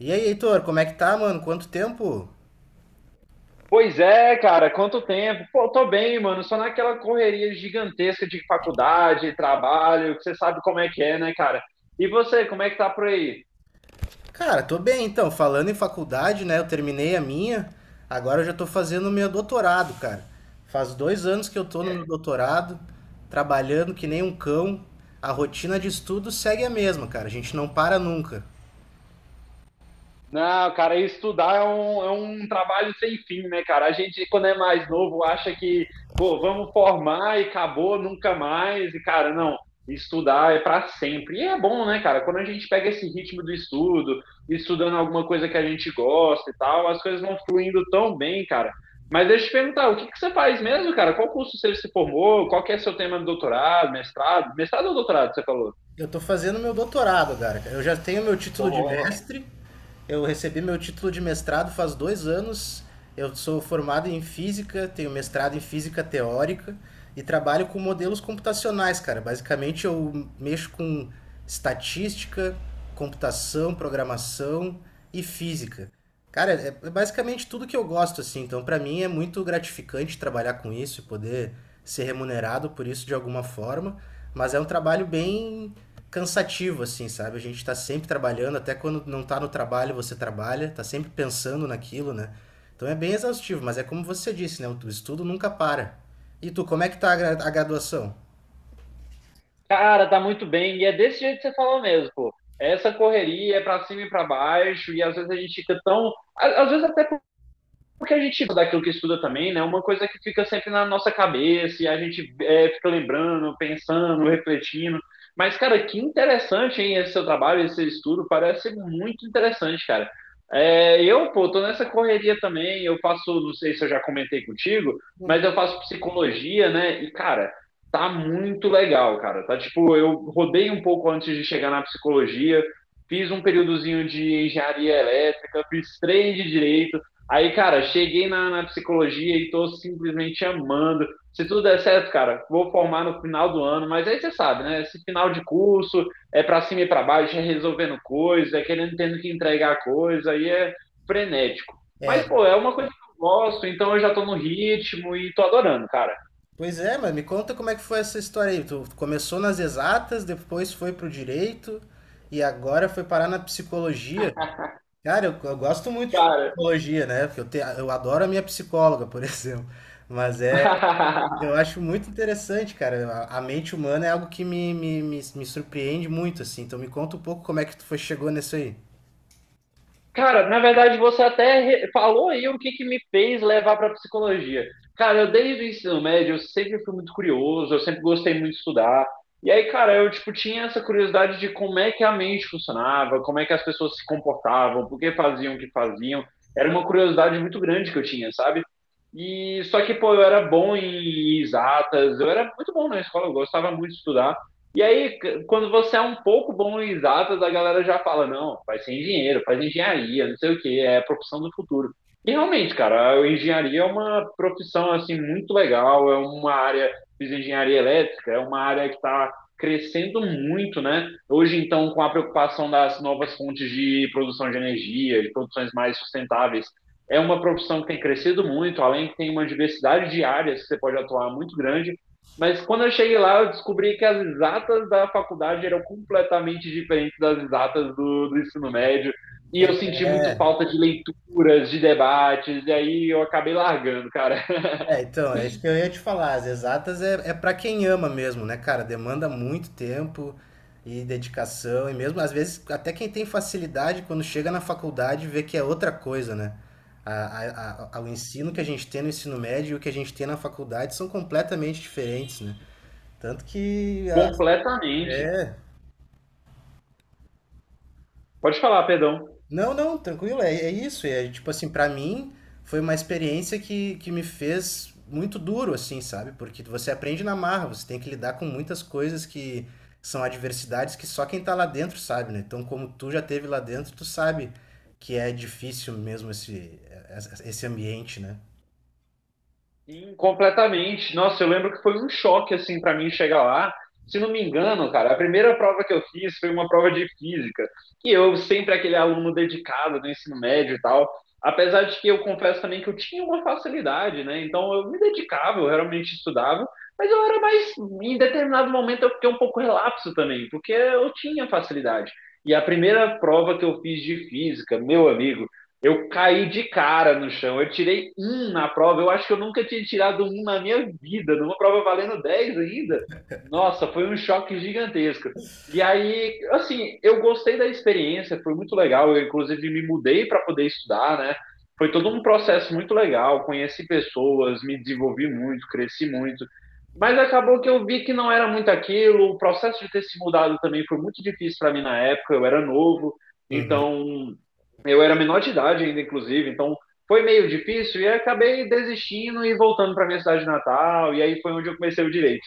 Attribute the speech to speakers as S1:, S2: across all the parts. S1: E aí, Heitor, como é que tá, mano? Quanto tempo?
S2: Pois é, cara, quanto tempo? Pô, tô bem, mano, só naquela correria gigantesca de faculdade, trabalho, que você sabe como é que é, né, cara? E você, como é que tá por aí?
S1: Cara, tô bem então. Falando em faculdade, né? Eu terminei a minha, agora eu já tô fazendo o meu doutorado, cara. Faz 2 anos que eu tô no meu doutorado, trabalhando que nem um cão. A rotina de estudo segue a mesma, cara. A gente não para nunca.
S2: Não, cara, estudar é um trabalho sem fim, né, cara? A gente, quando é mais novo, acha que, pô, vamos formar e acabou, nunca mais. E, cara, não, estudar é para sempre. E é bom, né, cara? Quando a gente pega esse ritmo do estudo, estudando alguma coisa que a gente gosta e tal, as coisas vão fluindo tão bem, cara. Mas deixa eu te perguntar, o que que você faz mesmo, cara? Qual curso você se formou? Qual que é seu tema de doutorado, mestrado? Mestrado ou doutorado, você falou?
S1: Eu tô fazendo meu doutorado, cara. Eu já tenho meu título de mestre. Eu recebi meu título de mestrado faz 2 anos. Eu sou formado em física, tenho mestrado em física teórica e trabalho com modelos computacionais, cara. Basicamente, eu mexo com estatística, computação, programação e física. Cara, é basicamente tudo que eu gosto, assim. Então, pra mim é muito gratificante trabalhar com isso e poder ser remunerado por isso de alguma forma. Mas é um trabalho bem cansativo, assim, sabe? A gente tá sempre trabalhando, até quando não tá no trabalho, você trabalha, tá sempre pensando naquilo, né? Então é bem exaustivo, mas é como você disse, né? O estudo nunca para. E tu, como é que tá a graduação?
S2: Cara, tá muito bem. E é desse jeito que você falou mesmo, pô. Essa correria é pra cima e pra baixo, e às vezes a gente Às vezes até porque a gente daquilo que estuda também, né? Uma coisa que fica sempre na nossa cabeça e a gente fica lembrando, pensando, refletindo. Mas, cara, que interessante, hein, esse seu trabalho, esse seu estudo, parece muito interessante, cara. É, eu, pô, tô nessa correria também, eu faço, não sei se eu já comentei contigo, mas eu faço psicologia, né? E, cara, tá muito legal, cara. Tá tipo, eu rodei um pouco antes de chegar na psicologia, fiz um períodozinho de engenharia elétrica, fiz três de direito. Aí, cara, cheguei na psicologia e tô simplesmente amando. Se tudo der certo, cara, vou formar no final do ano, mas aí você sabe, né? Esse final de curso é pra cima e pra baixo, é resolvendo coisa, é querendo tendo que entregar coisa, aí é frenético. Mas, pô, é uma coisa que eu gosto, então eu já tô no ritmo e tô adorando, cara.
S1: Pois é, mas me conta como é que foi essa história aí. Tu começou nas exatas, depois foi pro direito e agora foi parar na psicologia. Cara, eu gosto muito de
S2: Cara,
S1: psicologia, né? Porque eu adoro a minha psicóloga, por exemplo. Mas é, eu acho muito interessante, cara. A mente humana é algo que me surpreende muito, assim. Então me conta um pouco como é que tu foi, chegou nisso aí.
S2: Cara, na verdade você até falou aí o que que me fez levar para psicologia. Cara, eu desde o ensino médio eu sempre fui muito curioso, eu sempre gostei muito de estudar. E aí, cara, eu tipo tinha essa curiosidade de como é que a mente funcionava, como é que as pessoas se comportavam, por que faziam o que faziam. Era uma curiosidade muito grande que eu tinha, sabe? E só que, pô, eu era bom em exatas, eu era muito bom na escola, eu gostava muito de estudar. E aí, quando você é um pouco bom em exatas, a galera já fala, não, vai ser engenheiro, faz engenharia, não sei o que, é a profissão do futuro. E realmente, cara, a engenharia é uma profissão, assim, muito legal, é uma área, fiz engenharia elétrica, é uma área que está crescendo muito, né? Hoje, então, com a preocupação das novas fontes de produção de energia, de produções mais sustentáveis, é uma profissão que tem crescido muito, além que tem uma diversidade de áreas que você pode atuar muito grande, mas quando eu cheguei lá, eu descobri que as exatas da faculdade eram completamente diferentes das exatas do ensino médio. E eu senti muito falta de leituras, de debates, e aí eu acabei largando, cara.
S1: É, então, é isso que eu ia te falar. As exatas é para quem ama mesmo, né, cara? Demanda muito tempo e dedicação, e mesmo às vezes, até quem tem facilidade, quando chega na faculdade, vê que é outra coisa, né? O ensino que a gente tem no ensino médio e o que a gente tem na faculdade são completamente diferentes, né? Tanto que
S2: Completamente.
S1: é,
S2: Pode falar, perdão.
S1: Não, não, tranquilo, é isso. É, tipo assim, pra mim foi uma experiência que me fez muito duro, assim, sabe? Porque você aprende na marra, você tem que lidar com muitas coisas que são adversidades que só quem tá lá dentro sabe, né? Então, como tu já teve lá dentro, tu sabe que é difícil mesmo esse ambiente, né?
S2: Sim, completamente. Nossa, eu lembro que foi um choque assim para mim chegar lá. Se não me engano, cara, a primeira prova que eu fiz foi uma prova de física. E eu sempre aquele aluno dedicado no ensino médio e tal. Apesar de que eu confesso também que eu tinha uma facilidade, né? Então eu me dedicava, eu realmente estudava, mas eu era mais em determinado momento eu fiquei um pouco relapso também, porque eu tinha facilidade. E a primeira prova que eu fiz de física, meu amigo, eu caí de cara no chão. Eu tirei um na prova. Eu acho que eu nunca tinha tirado um na minha vida, numa prova valendo 10 ainda. Nossa, foi um choque gigantesco. E aí, assim, eu gostei da experiência, foi muito legal. Eu, inclusive, me mudei para poder estudar, né? Foi todo um processo muito legal. Conheci pessoas, me desenvolvi muito, cresci muito. Mas acabou que eu vi que não era muito aquilo. O processo de ter se mudado também foi muito difícil para mim na época. Eu era novo,
S1: Uhum.
S2: então eu era menor de idade ainda, inclusive, então foi meio difícil e aí acabei desistindo e voltando para minha cidade natal, e aí foi onde eu comecei o direito.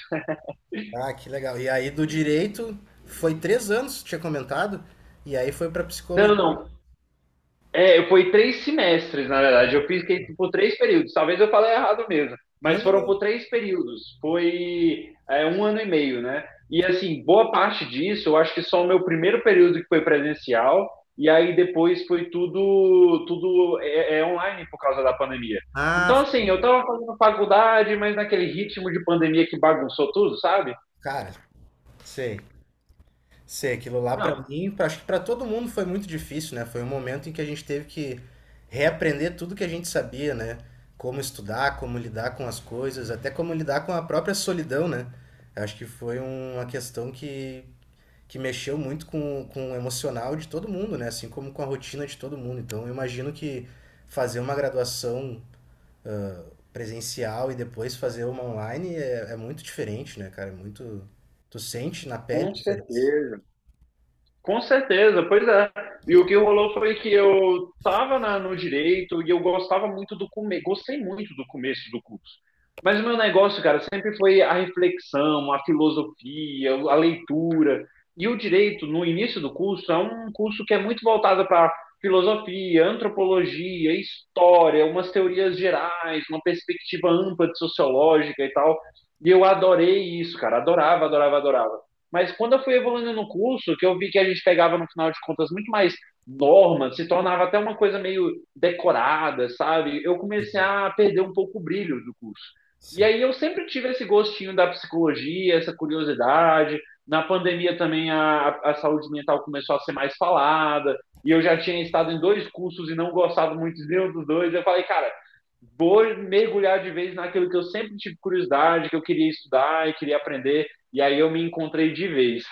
S1: Ah, que legal. E aí do direito foi 3 anos, tinha comentado, e aí foi pra psicologia.
S2: Não, não, é, eu fui três semestres, na verdade. Eu fiz por três períodos. Talvez eu falei errado mesmo,
S1: Não,
S2: mas foram por
S1: não.
S2: três períodos. Foi, é, um ano e meio, né? E assim, boa parte disso, eu acho que só o meu primeiro período que foi presencial, e aí depois foi tudo é online por causa da pandemia. Então,
S1: Ah,
S2: assim, eu tava fazendo faculdade, mas naquele ritmo de pandemia que bagunçou tudo, sabe?
S1: cara, sei. Sei, aquilo lá pra
S2: Não,
S1: mim, acho que pra todo mundo foi muito difícil, né? Foi um momento em que a gente teve que reaprender tudo que a gente sabia, né? Como estudar, como lidar com as coisas, até como lidar com a própria solidão, né? Acho que foi uma questão que mexeu muito com o emocional de todo mundo, né? Assim como com a rotina de todo mundo. Então, eu imagino que fazer uma graduação presencial e depois fazer uma online é muito diferente, né, cara? É muito. Tu sente na pele
S2: com
S1: a diferença.
S2: certeza. Com certeza, pois é. E o que rolou foi que eu estava no direito e eu gostava muito do começo, gostei muito do começo do curso. Mas o meu negócio, cara, sempre foi a reflexão, a filosofia, a leitura. E o direito, no início do curso, é um curso que é muito voltado para filosofia, antropologia, história, umas teorias gerais, uma perspectiva ampla de sociológica e tal. E eu adorei isso, cara. Adorava, adorava, adorava. Mas quando eu fui evoluindo no curso, que eu vi que a gente pegava, no final de contas, muito mais normas, se tornava até uma coisa meio decorada, sabe? Eu comecei a perder um pouco o brilho do curso. E
S1: Sim.
S2: aí eu sempre tive esse gostinho da psicologia, essa curiosidade. Na pandemia também a saúde mental começou a ser mais falada. E eu já tinha estado em dois cursos e não gostado muito de nenhum dos dois. Eu falei, cara, vou mergulhar de vez naquilo que eu sempre tive curiosidade, que eu queria estudar e queria aprender. E aí eu me encontrei de vez.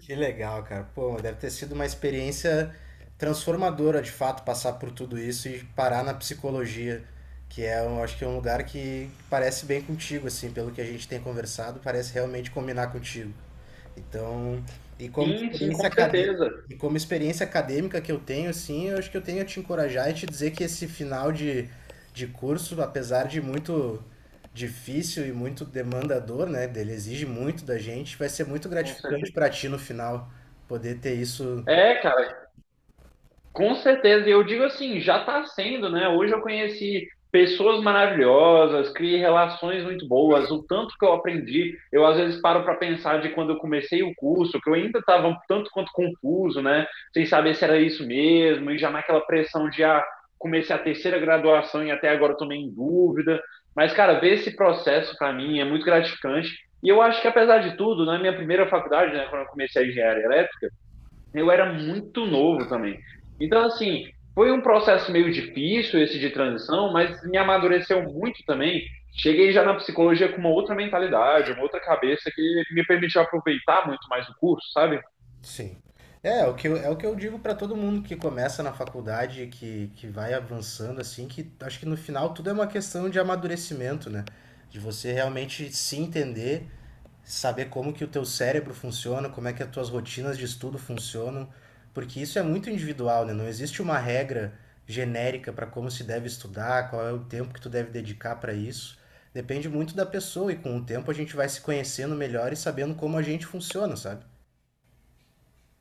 S1: Que legal, cara. Pô, deve ter sido uma experiência transformadora, de fato, passar por tudo isso e parar na psicologia, que é, eu acho que é um lugar que parece bem contigo, assim, pelo que a gente tem conversado, parece realmente combinar contigo. Então, e como
S2: Sim, sim, com
S1: experiência acadê-
S2: certeza.
S1: e como experiência acadêmica que eu tenho, sim eu acho que eu tenho a te encorajar e te dizer que esse final de curso, apesar de muito difícil e muito demandador, né, dele exige muito da gente, vai ser muito
S2: Com
S1: gratificante
S2: certeza.
S1: para ti no final poder ter isso.
S2: É, cara, com certeza, e eu digo assim, já está sendo, né? Hoje eu conheci pessoas maravilhosas, criei relações muito boas, o tanto que eu aprendi, eu às vezes paro para pensar de quando eu comecei o curso, que eu ainda estava um tanto quanto confuso, né? Sem saber se era isso mesmo, e já naquela pressão de ah, comecei a terceira graduação e até agora estou meio em dúvida. Mas, cara, ver esse processo para mim é muito gratificante. E eu acho que, apesar de tudo, na minha primeira faculdade, né, quando eu comecei a engenharia elétrica, eu era muito novo também. Então, assim, foi um processo meio difícil esse de transição, mas me amadureceu muito também. Cheguei já na psicologia com uma outra mentalidade, uma outra cabeça que me permitiu aproveitar muito mais o curso, sabe?
S1: Sim. É o que eu digo para todo mundo que começa na faculdade, que vai avançando, assim, que acho que no final tudo é uma questão de amadurecimento, né? De você realmente se entender, saber como que o teu cérebro funciona, como é que as tuas rotinas de estudo funcionam, porque isso é muito individual, né? Não existe uma regra genérica para como se deve estudar, qual é o tempo que tu deve dedicar para isso. Depende muito da pessoa e com o tempo a gente vai se conhecendo melhor e sabendo como a gente funciona, sabe?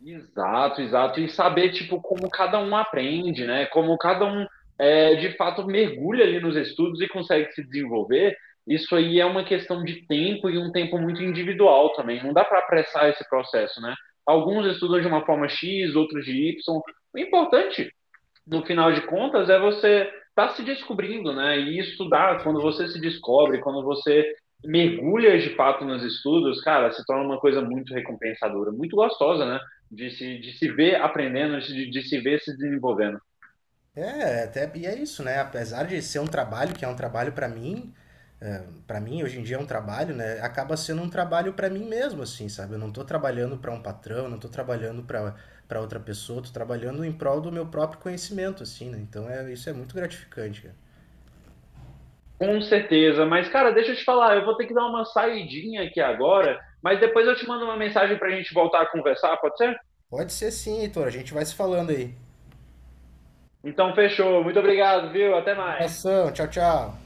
S2: Exato, exato. E saber, tipo, como cada um aprende, né? Como cada um, é, de fato, mergulha ali nos estudos e consegue se desenvolver. Isso aí é uma questão de tempo e um tempo muito individual também. Não dá para apressar esse processo, né? Alguns estudam de uma forma X, outros de Y. O importante no final de contas, é você tá se descobrindo, né? E estudar, quando você se descobre, quando você mergulha de fato nos estudos, cara, se torna uma coisa muito recompensadora, muito gostosa, né? De se ver aprendendo, de se ver se desenvolvendo.
S1: É, até, e é isso, né? Apesar de ser um trabalho, que é um trabalho pra mim, para mim hoje em dia é um trabalho, né? Acaba sendo um trabalho pra mim mesmo, assim, sabe? Eu não tô trabalhando pra um patrão, não tô trabalhando pra para outra pessoa, tô trabalhando em prol do meu próprio conhecimento, assim, né? Então isso é muito gratificante, cara.
S2: Com certeza, mas cara, deixa eu te falar, eu vou ter que dar uma saidinha aqui agora, mas depois eu te mando uma mensagem pra gente voltar a conversar, pode ser?
S1: Pode ser sim, Heitor, a gente vai se falando aí.
S2: Então fechou, muito obrigado, viu? Até
S1: Um
S2: mais.
S1: abração, tchau, tchau.